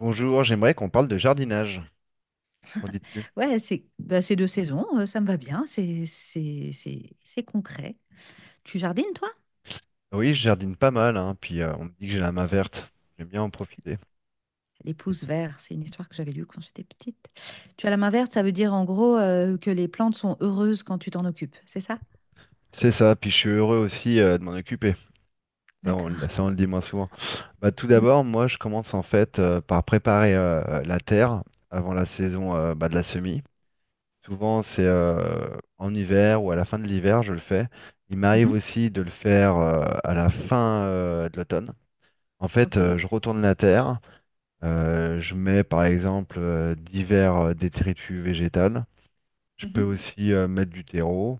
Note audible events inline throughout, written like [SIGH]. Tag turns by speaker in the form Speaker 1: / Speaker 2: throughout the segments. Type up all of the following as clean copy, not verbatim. Speaker 1: Bonjour, j'aimerais qu'on parle de jardinage. Qu'en dis-tu?
Speaker 2: Ouais, c'est bah, c'est deux saisons, ça me va bien, c'est concret. Tu jardines, toi?
Speaker 1: Ah oui, je jardine pas mal, hein, puis on me dit que j'ai la main verte. J'aime bien en profiter.
Speaker 2: Les
Speaker 1: Et
Speaker 2: pousses vertes, c'est une histoire que j'avais lue quand j'étais petite. Tu as la main verte, ça veut dire en gros que les plantes sont heureuses quand tu t'en occupes, c'est ça?
Speaker 1: C'est ça, puis je suis heureux aussi de m'en occuper. Ça on,
Speaker 2: D'accord.
Speaker 1: ça, on le dit moins souvent. Bah, tout
Speaker 2: Mm.
Speaker 1: d'abord, moi, je commence en fait par préparer la terre avant la saison bah, de la semis. Souvent, c'est en hiver ou à la fin de l'hiver, je le fais. Il m'arrive
Speaker 2: Mhm.
Speaker 1: aussi de le faire à la fin de l'automne. En fait,
Speaker 2: Ok.
Speaker 1: je retourne la terre. Je mets par exemple divers détritus végétales. Je peux
Speaker 2: Mhm.
Speaker 1: aussi mettre du terreau.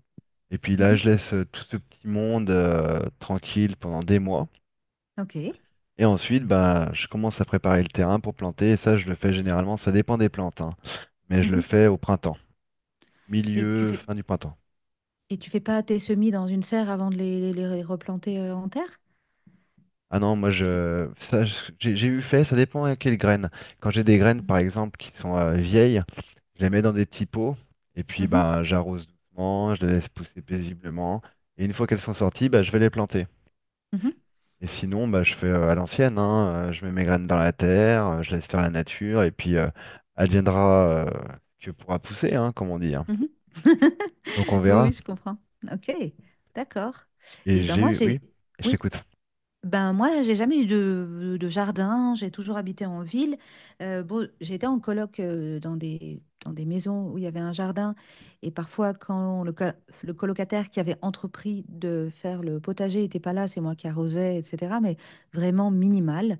Speaker 1: Et puis là,
Speaker 2: Mhm.
Speaker 1: je laisse tout ce petit monde tranquille pendant des mois.
Speaker 2: Ok.
Speaker 1: Et ensuite, bah, je commence à préparer le terrain pour planter. Et ça, je le fais généralement, ça dépend des plantes, hein. Mais je le
Speaker 2: Mhm.
Speaker 1: fais au printemps,
Speaker 2: Et tu
Speaker 1: milieu,
Speaker 2: fais
Speaker 1: fin du printemps.
Speaker 2: et tu fais pas tes semis dans une serre avant de les replanter en terre?
Speaker 1: Ah non, moi,
Speaker 2: Tu fais.
Speaker 1: j'ai eu fait, ça dépend à quelles graines. Quand j'ai des graines, par exemple, qui sont vieilles. Je les mets dans des petits pots et puis
Speaker 2: Mhm.
Speaker 1: bah, j'arrose doucement, je les laisse pousser paisiblement. Et une fois qu'elles sont sorties, bah, je vais les planter.
Speaker 2: Mhm.
Speaker 1: Et sinon, bah, je fais à l'ancienne, hein, je mets mes graines dans la terre, je laisse faire la nature et puis adviendra que pourra pousser, hein, comme on dit. Hein.
Speaker 2: Mhm. Mhm.
Speaker 1: Donc on
Speaker 2: [LAUGHS] Oui,
Speaker 1: verra.
Speaker 2: oui, je comprends. Ok, d'accord. Et ben moi, j'ai,
Speaker 1: Oui, je
Speaker 2: oui,
Speaker 1: t'écoute.
Speaker 2: ben moi, j'ai jamais eu de, jardin. J'ai toujours habité en ville. Bon, j'étais en coloc dans des maisons où il y avait un jardin. Et parfois, quand le colocataire qui avait entrepris de faire le potager n'était pas là, c'est moi qui arrosais, etc. Mais vraiment minimal.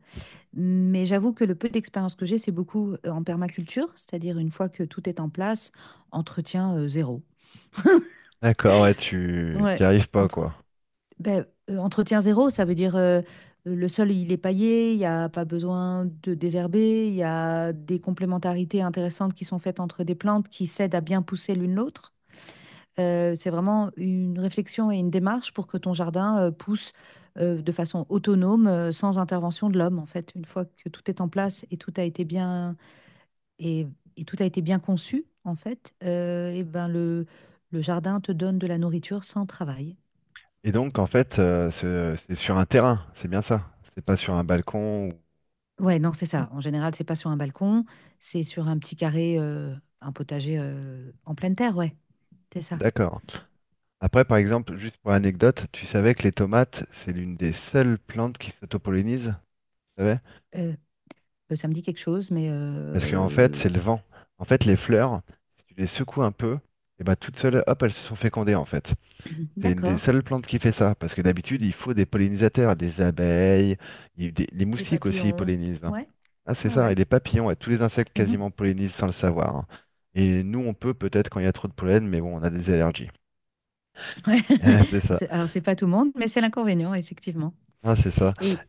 Speaker 2: Mais j'avoue que le peu d'expérience que j'ai, c'est beaucoup en permaculture, c'est-à-dire une fois que tout est en place, entretien zéro.
Speaker 1: D'accord, ouais, tu t'y
Speaker 2: Ouais.
Speaker 1: arrives pas
Speaker 2: Entre
Speaker 1: quoi.
Speaker 2: Ben, entretien zéro, ça veut dire le sol, il est paillé, il n'y a pas besoin de désherber, il y a des complémentarités intéressantes qui sont faites entre des plantes qui s'aident à bien pousser l'une l'autre. C'est vraiment une réflexion et une démarche pour que ton jardin pousse de façon autonome, sans intervention de l'homme, en fait. Une fois que tout est en place et tout a été bien, et, et tout a été bien conçu, en fait, eh ben le jardin te donne de la nourriture sans travail.
Speaker 1: Et donc en fait, c'est sur un terrain, c'est bien ça. C'est pas sur un balcon
Speaker 2: Ouais, non, c'est ça. En général, c'est pas sur un balcon, c'est sur un petit carré, un potager en pleine terre, ouais, c'est ça.
Speaker 1: D'accord. Après, par exemple, juste pour anecdote, tu savais que les tomates, c'est l'une des seules plantes qui s'autopollinisent, tu savais?
Speaker 2: Euh, Ça me dit quelque chose, mais
Speaker 1: Parce qu'en fait, c'est le vent. En fait, les fleurs, si tu les secoues un peu, et ben toutes seules, hop, elles se sont fécondées en fait. C'est une des
Speaker 2: d'accord.
Speaker 1: seules plantes qui fait ça, parce que d'habitude, il faut des pollinisateurs, des abeilles, les
Speaker 2: Des
Speaker 1: moustiques aussi ils
Speaker 2: papillons,
Speaker 1: pollinisent. Hein.
Speaker 2: ouais,
Speaker 1: Ah, c'est
Speaker 2: ouais,
Speaker 1: ça, et
Speaker 2: ouais.
Speaker 1: les papillons, et tous les insectes
Speaker 2: Mhm.
Speaker 1: quasiment pollinisent sans le savoir. Hein. Et nous, on peut peut-être quand il y a trop de pollen, mais bon, on a des allergies.
Speaker 2: Ouais.
Speaker 1: [LAUGHS]
Speaker 2: [LAUGHS]
Speaker 1: C'est
Speaker 2: Alors,
Speaker 1: ça.
Speaker 2: c'est alors, c'est pas tout le monde, mais c'est l'inconvénient, effectivement.
Speaker 1: Ah, c'est ça.
Speaker 2: Et,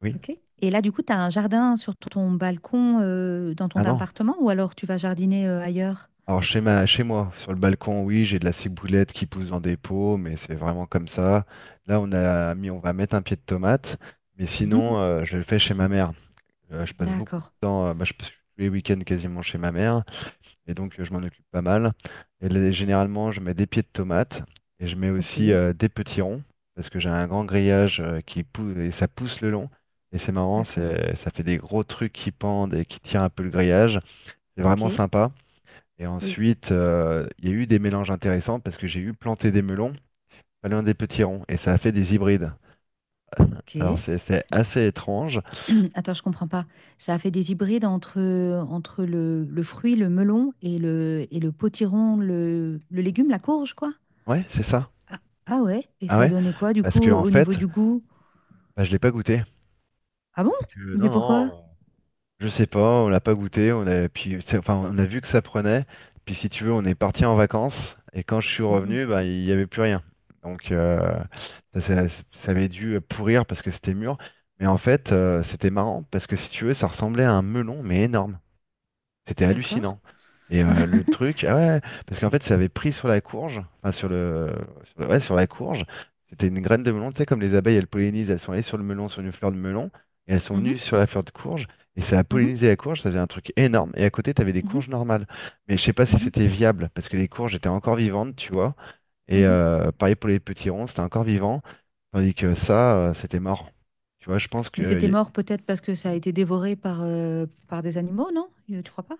Speaker 1: Oui.
Speaker 2: ok. Et là, du coup, tu as un jardin sur ton balcon dans ton
Speaker 1: Ah non.
Speaker 2: appartement ou alors tu vas jardiner ailleurs?
Speaker 1: Alors chez moi, sur le balcon, oui, j'ai de la ciboulette qui pousse dans des pots, mais c'est vraiment comme ça. Là, on va mettre un pied de tomate, mais
Speaker 2: Mhm.
Speaker 1: sinon, je le fais chez ma mère. Je passe beaucoup de
Speaker 2: D'accord,
Speaker 1: temps, bah, je passe tous les week-ends quasiment chez ma mère, et donc je m'en occupe pas mal. Et là, généralement, je mets des pieds de tomate et je mets
Speaker 2: ok,
Speaker 1: aussi des petits ronds parce que j'ai un grand grillage qui pousse et ça pousse le long. Et c'est marrant,
Speaker 2: d'accord,
Speaker 1: ça fait des gros trucs qui pendent et qui tirent un peu le grillage. C'est
Speaker 2: ok,
Speaker 1: vraiment sympa. Et
Speaker 2: oui,
Speaker 1: ensuite, il y a eu des mélanges intéressants parce que j'ai eu planté des melons, pas loin des petits ronds, et ça a fait des hybrides. Alors
Speaker 2: ok.
Speaker 1: c'est assez étrange.
Speaker 2: [CLEARS THROAT] Attends, je comprends pas. Ça a fait des hybrides entre le fruit, le melon le potiron, le légume, la courge, quoi?
Speaker 1: Ouais, c'est ça.
Speaker 2: Ah, ah ouais? Et
Speaker 1: Ah
Speaker 2: ça a
Speaker 1: ouais?
Speaker 2: donné quoi, du
Speaker 1: Parce
Speaker 2: coup,
Speaker 1: que en
Speaker 2: au niveau
Speaker 1: fait,
Speaker 2: du goût?
Speaker 1: bah, je l'ai pas goûté.
Speaker 2: Ah bon?
Speaker 1: Parce que, non,
Speaker 2: Mais pourquoi?
Speaker 1: non, je sais pas, on l'a pas goûté. On a, puis, c'est- Enfin, on a vu que ça prenait. Puis si tu veux, on est parti en vacances. Et quand je suis
Speaker 2: Mhm.
Speaker 1: revenu, bah, il y avait plus rien. Donc ça, ça- ça avait dû pourrir parce que c'était mûr. Mais en fait, c'était marrant parce que si tu veux, ça ressemblait à un melon, mais énorme. C'était
Speaker 2: D'accord.
Speaker 1: hallucinant. Et le truc, ah ouais, parce qu'en fait, ça avait pris sur la courge, enfin ouais, sur la courge. C'était une graine de melon, tu sais, comme les abeilles, elles pollinisent, elles sont allées sur le melon, sur une fleur de melon, et elles sont
Speaker 2: Mhm,
Speaker 1: venues sur la fleur de courge, et ça a
Speaker 2: mhm,
Speaker 1: pollinisé la courge, ça faisait un truc énorme. Et à côté, tu avais des
Speaker 2: mhm,
Speaker 1: courges normales. Mais je sais pas si
Speaker 2: mhm,
Speaker 1: c'était viable, parce que les courges étaient encore vivantes, tu vois. Et
Speaker 2: mhm.
Speaker 1: euh, pareil pour les petits ronds, c'était encore vivant, tandis que ça, c'était mort. Tu vois, je pense
Speaker 2: Mais c'était
Speaker 1: qu'il.
Speaker 2: mort peut-être parce que ça a été dévoré par des animaux, non? Tu crois pas?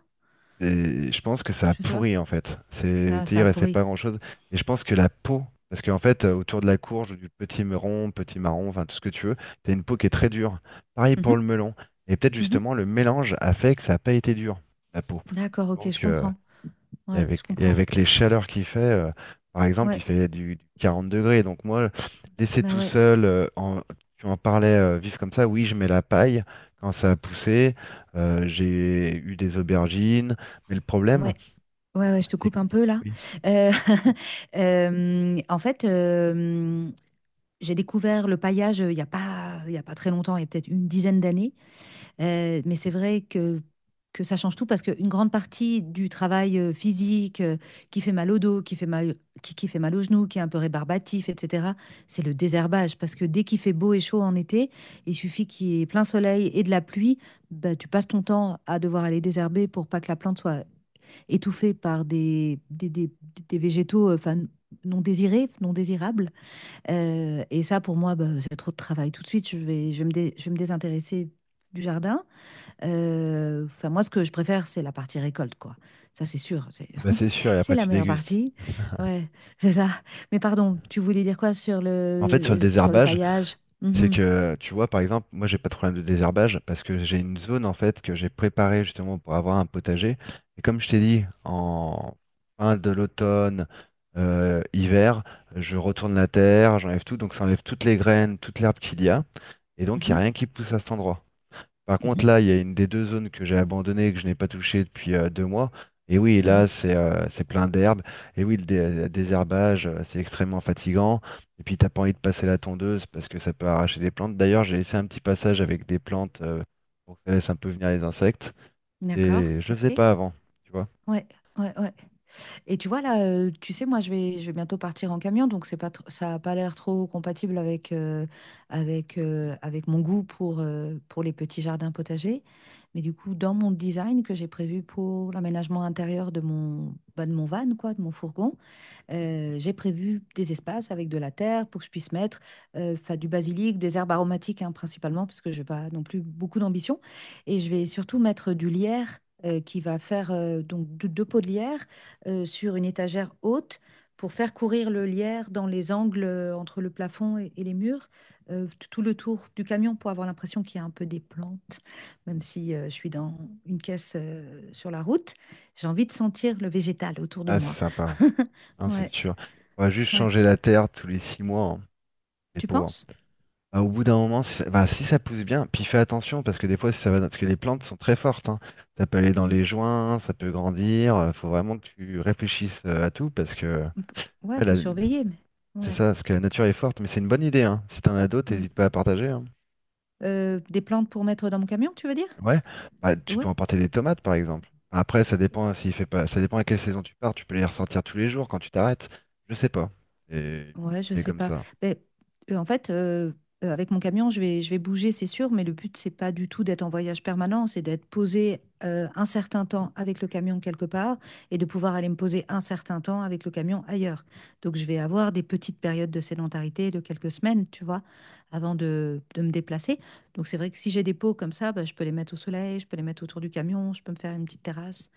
Speaker 1: Et je pense que ça a
Speaker 2: Je sais pas.
Speaker 1: pourri en fait. C'est,
Speaker 2: Ça,
Speaker 1: tu sais,
Speaker 2: ça
Speaker 1: il
Speaker 2: a
Speaker 1: restait
Speaker 2: pourri.
Speaker 1: pas grand-chose. Et je pense que la peau, parce qu'en fait, autour de la courge, du petit meron, petit marron, enfin tout ce que tu veux, t'as une peau qui est très dure. Pareil pour
Speaker 2: Mhm,
Speaker 1: le melon. Et peut-être
Speaker 2: mhm.
Speaker 1: justement le mélange a fait que ça n'a pas été dur, la peau.
Speaker 2: D'accord, ok, je
Speaker 1: Donc
Speaker 2: comprends. Ouais, je
Speaker 1: et
Speaker 2: comprends.
Speaker 1: avec les chaleurs qu'il fait, par exemple, il
Speaker 2: Ouais,
Speaker 1: fait du 40 degrés. Donc moi, laisser
Speaker 2: bah
Speaker 1: tout
Speaker 2: ouais,
Speaker 1: seul, tu en parlais, vif comme ça, oui, je mets la paille quand ça a poussé. J'ai eu des aubergines. Mais le problème,
Speaker 2: ouais. Ouais, ouais, je te
Speaker 1: c'est que...
Speaker 2: coupe un peu là.
Speaker 1: Oui,
Speaker 2: Euh, [LAUGHS] en fait, j'ai découvert le paillage il n'y a pas, il y a pas très longtemps, il y a peut-être une dizaine d'années. Mais c'est vrai que ça change tout parce qu'une grande partie du travail physique qui fait mal au dos, qui fait mal, qui fait mal aux genoux, qui est un peu rébarbatif, etc., c'est le désherbage. Parce que dès qu'il fait beau et chaud en été, il suffit qu'il y ait plein soleil et de la pluie, bah, tu passes ton temps à devoir aller désherber pour pas que la plante soit étouffés par des végétaux enfin, non désirés, non désirables. Et ça, pour moi, bah, c'est trop de travail. Tout de suite, je vais me désintéresser du jardin. Enfin, moi, ce que je préfère, c'est la partie récolte, quoi. Ça, c'est sûr. C'est
Speaker 1: ah bah c'est
Speaker 2: [LAUGHS]
Speaker 1: sûr, et
Speaker 2: c'est
Speaker 1: après
Speaker 2: la
Speaker 1: tu
Speaker 2: meilleure
Speaker 1: dégustes.
Speaker 2: partie. Ouais, c'est ça. Mais pardon, tu voulais dire quoi sur
Speaker 1: Mais en fait, sur le
Speaker 2: le, sur le
Speaker 1: désherbage.
Speaker 2: paillage?
Speaker 1: C'est
Speaker 2: Mhm,
Speaker 1: que, tu vois, par exemple, moi, j'ai pas de problème de désherbage parce que j'ai une zone, en fait, que j'ai préparée justement pour avoir un potager. Et comme je t'ai dit, en fin de l'automne, hiver, je retourne la terre, j'enlève tout, donc ça enlève toutes les graines, toute l'herbe qu'il y a. Et donc, il n'y
Speaker 2: mhm,
Speaker 1: a rien qui pousse à cet endroit. Par
Speaker 2: mhm,
Speaker 1: contre, là, il y a une des deux zones que j'ai abandonnées et que je n'ai pas touchée depuis 2 mois. Et oui, là,
Speaker 2: mhm.
Speaker 1: c'est plein d'herbes. Et oui, le désherbage, c'est extrêmement fatigant. Et puis, t'as pas envie de passer la tondeuse parce que ça peut arracher des plantes. D'ailleurs, j'ai laissé un petit passage avec des plantes pour que ça laisse un peu venir les insectes.
Speaker 2: D'accord,
Speaker 1: Et je le faisais
Speaker 2: ok.
Speaker 1: pas avant, tu vois.
Speaker 2: Ouais, ouais, ouais. Et tu vois, là, tu sais, moi, je vais bientôt partir en camion, donc c'est pas tr- ça n'a pas l'air trop compatible avec, avec mon goût pour les petits jardins potagers. Mais du coup, dans mon design que j'ai prévu pour l'aménagement intérieur bah, de mon van, quoi, de mon fourgon, j'ai prévu des espaces avec de la terre pour que je puisse mettre 'fin, du basilic, des herbes aromatiques hein, principalement, parce que je n'ai pas non plus beaucoup d'ambition. Et je vais surtout mettre du lierre qui va faire donc deux pots de lierre sur une étagère haute pour faire courir le lierre dans les angles entre le plafond et les murs, tout le tour du camion pour avoir l'impression qu'il y a un peu des plantes, même si je suis dans une caisse sur la route. J'ai envie de sentir le végétal autour de
Speaker 1: Ah, c'est
Speaker 2: moi.
Speaker 1: sympa,
Speaker 2: [LAUGHS]
Speaker 1: hein, c'est
Speaker 2: Ouais.
Speaker 1: sûr. Faudra juste
Speaker 2: Ouais.
Speaker 1: changer la terre tous les 6 mois, hein. C'est
Speaker 2: Tu
Speaker 1: pauvre.
Speaker 2: penses?
Speaker 1: Bah, au bout d'un moment, si ça pousse bien, puis fais attention parce que des fois, si ça va, parce que les plantes sont très fortes, hein. Ça peut aller dans les
Speaker 2: Hmm.
Speaker 1: joints, ça peut grandir. Faut vraiment que tu réfléchisses à tout parce que,
Speaker 2: On peut- Ouais,
Speaker 1: ouais,
Speaker 2: faut surveiller, mais
Speaker 1: c'est
Speaker 2: ouais.
Speaker 1: ça, parce que la nature est forte. Mais c'est une bonne idée, hein. Si t'en as d'autres,
Speaker 2: Hmm.
Speaker 1: n'hésite pas à partager. Hein.
Speaker 2: Des plantes pour mettre dans mon camion, tu veux dire?
Speaker 1: Ouais, bah, tu peux
Speaker 2: Ouais.
Speaker 1: emporter des tomates par exemple. Après, ça dépend hein, s'il fait pas, ça dépend à quelle saison tu pars. Tu peux les ressortir tous les jours quand tu t'arrêtes. Je sais pas. C'est
Speaker 2: Ouais, je
Speaker 1: c'est
Speaker 2: sais
Speaker 1: comme
Speaker 2: pas.
Speaker 1: ça.
Speaker 2: Ben, en fait, avec mon camion, je vais bouger, c'est sûr, mais le but, c'est pas du tout d'être en voyage permanent, c'est d'être posé un certain temps avec le camion quelque part et de pouvoir aller me poser un certain temps avec le camion ailleurs. Donc, je vais avoir des petites périodes de sédentarité de quelques semaines, tu vois, avant de me déplacer. Donc, c'est vrai que si j'ai des pots comme ça, ben, je peux les mettre au soleil, je peux les mettre autour du camion, je peux me faire une petite terrasse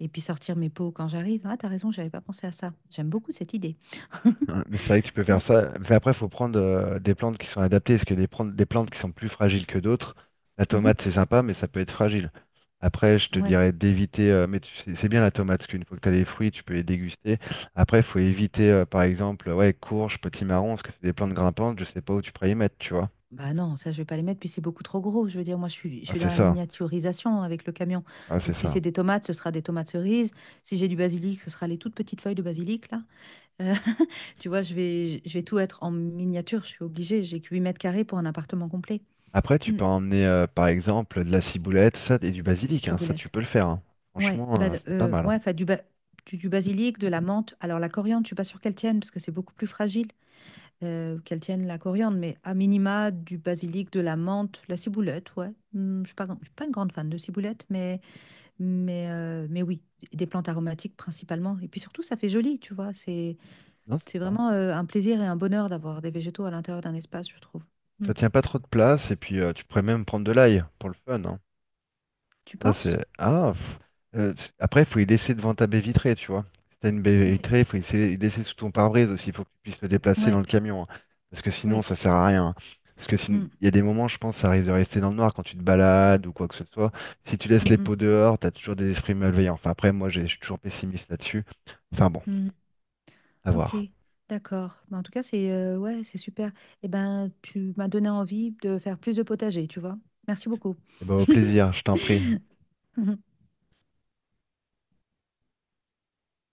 Speaker 2: et puis sortir mes pots quand j'arrive. Ah, t'as raison, j'avais pas pensé à ça. J'aime beaucoup cette idée. [LAUGHS]
Speaker 1: Ouais, mais c'est vrai que tu peux faire ça. Mais après, il faut prendre des plantes qui sont adaptées. Parce que des plantes qui sont plus fragiles que d'autres, la
Speaker 2: Mhm.
Speaker 1: tomate, c'est sympa, mais ça peut être fragile. Après, je te
Speaker 2: Ouais.
Speaker 1: dirais d'éviter. Mais c'est bien la tomate, parce qu'une fois que tu as les fruits, tu peux les déguster. Après, il faut éviter, par exemple, ouais, courge, petit marron, parce que c'est des plantes grimpantes, je sais pas où tu pourrais y mettre, tu vois.
Speaker 2: Bah non, ça je vais pas les mettre, puis c'est beaucoup trop gros. Je veux dire, moi je suis, je
Speaker 1: Ah,
Speaker 2: suis dans
Speaker 1: c'est
Speaker 2: la
Speaker 1: ça.
Speaker 2: miniaturisation avec le camion.
Speaker 1: Ah, c'est
Speaker 2: Donc si c'est
Speaker 1: ça.
Speaker 2: des tomates, ce sera des tomates cerises. Si j'ai du basilic, ce sera les toutes petites feuilles de basilic là. Euh, [LAUGHS] Tu vois, je vais tout être en miniature. Je suis obligée. J'ai que 8 mètres carrés pour un appartement complet.
Speaker 1: Après, tu
Speaker 2: Hmm,
Speaker 1: peux emmener, par exemple, de la ciboulette, ça, et du
Speaker 2: la
Speaker 1: basilic, hein, ça, tu
Speaker 2: ciboulette.
Speaker 1: peux le faire. Hein.
Speaker 2: Ouais,
Speaker 1: Franchement,
Speaker 2: bah
Speaker 1: c'est pas mal.
Speaker 2: ouais, enfin du basilic, de la menthe. Alors la coriandre, je suis pas sûre qu'elle tienne parce que c'est beaucoup plus fragile. Qu'elles tiennent la coriandre, mais à minima du basilic, de la menthe, la ciboulette, ouais. Hmm, je suis pas une grande fan de ciboulette, mais oui, des plantes aromatiques principalement. Et puis surtout, ça fait joli, tu vois. C'est,
Speaker 1: Non, c'est
Speaker 2: c'est
Speaker 1: ça.
Speaker 2: vraiment un plaisir et un bonheur d'avoir des végétaux à l'intérieur d'un espace, je trouve. Hmm.
Speaker 1: Ça tient pas trop de place et puis tu pourrais même prendre de l'ail pour le fun. Hein.
Speaker 2: Tu
Speaker 1: Ça
Speaker 2: penses?
Speaker 1: c'est ah. Pff. Après, il faut y laisser devant ta baie vitrée, tu vois. Si t'as une baie
Speaker 2: Ouais.
Speaker 1: vitrée, il faut y laisser, sous ton pare-brise aussi. Il faut que tu puisses le déplacer dans
Speaker 2: Ouais,
Speaker 1: le camion. Hein. Parce que sinon,
Speaker 2: oui.
Speaker 1: ça sert à rien. Hein.
Speaker 2: Hmm,
Speaker 1: Il y a des moments, je pense, ça risque de rester dans le noir quand tu te balades ou quoi que ce soit. Si tu laisses
Speaker 2: hmm,
Speaker 1: les
Speaker 2: hmm,
Speaker 1: pots dehors, t'as toujours des esprits malveillants. Enfin, après, moi, je suis toujours pessimiste là-dessus. Enfin bon,
Speaker 2: hmm.
Speaker 1: à
Speaker 2: Ok,
Speaker 1: voir.
Speaker 2: d'accord. Bah, en tout cas, c'est ouais, c'est super. Eh ben, tu m'as donné envie de faire plus de potager, tu vois. Merci beaucoup.
Speaker 1: Et ben, au plaisir, je
Speaker 2: [LAUGHS]
Speaker 1: t'en prie.
Speaker 2: Mmh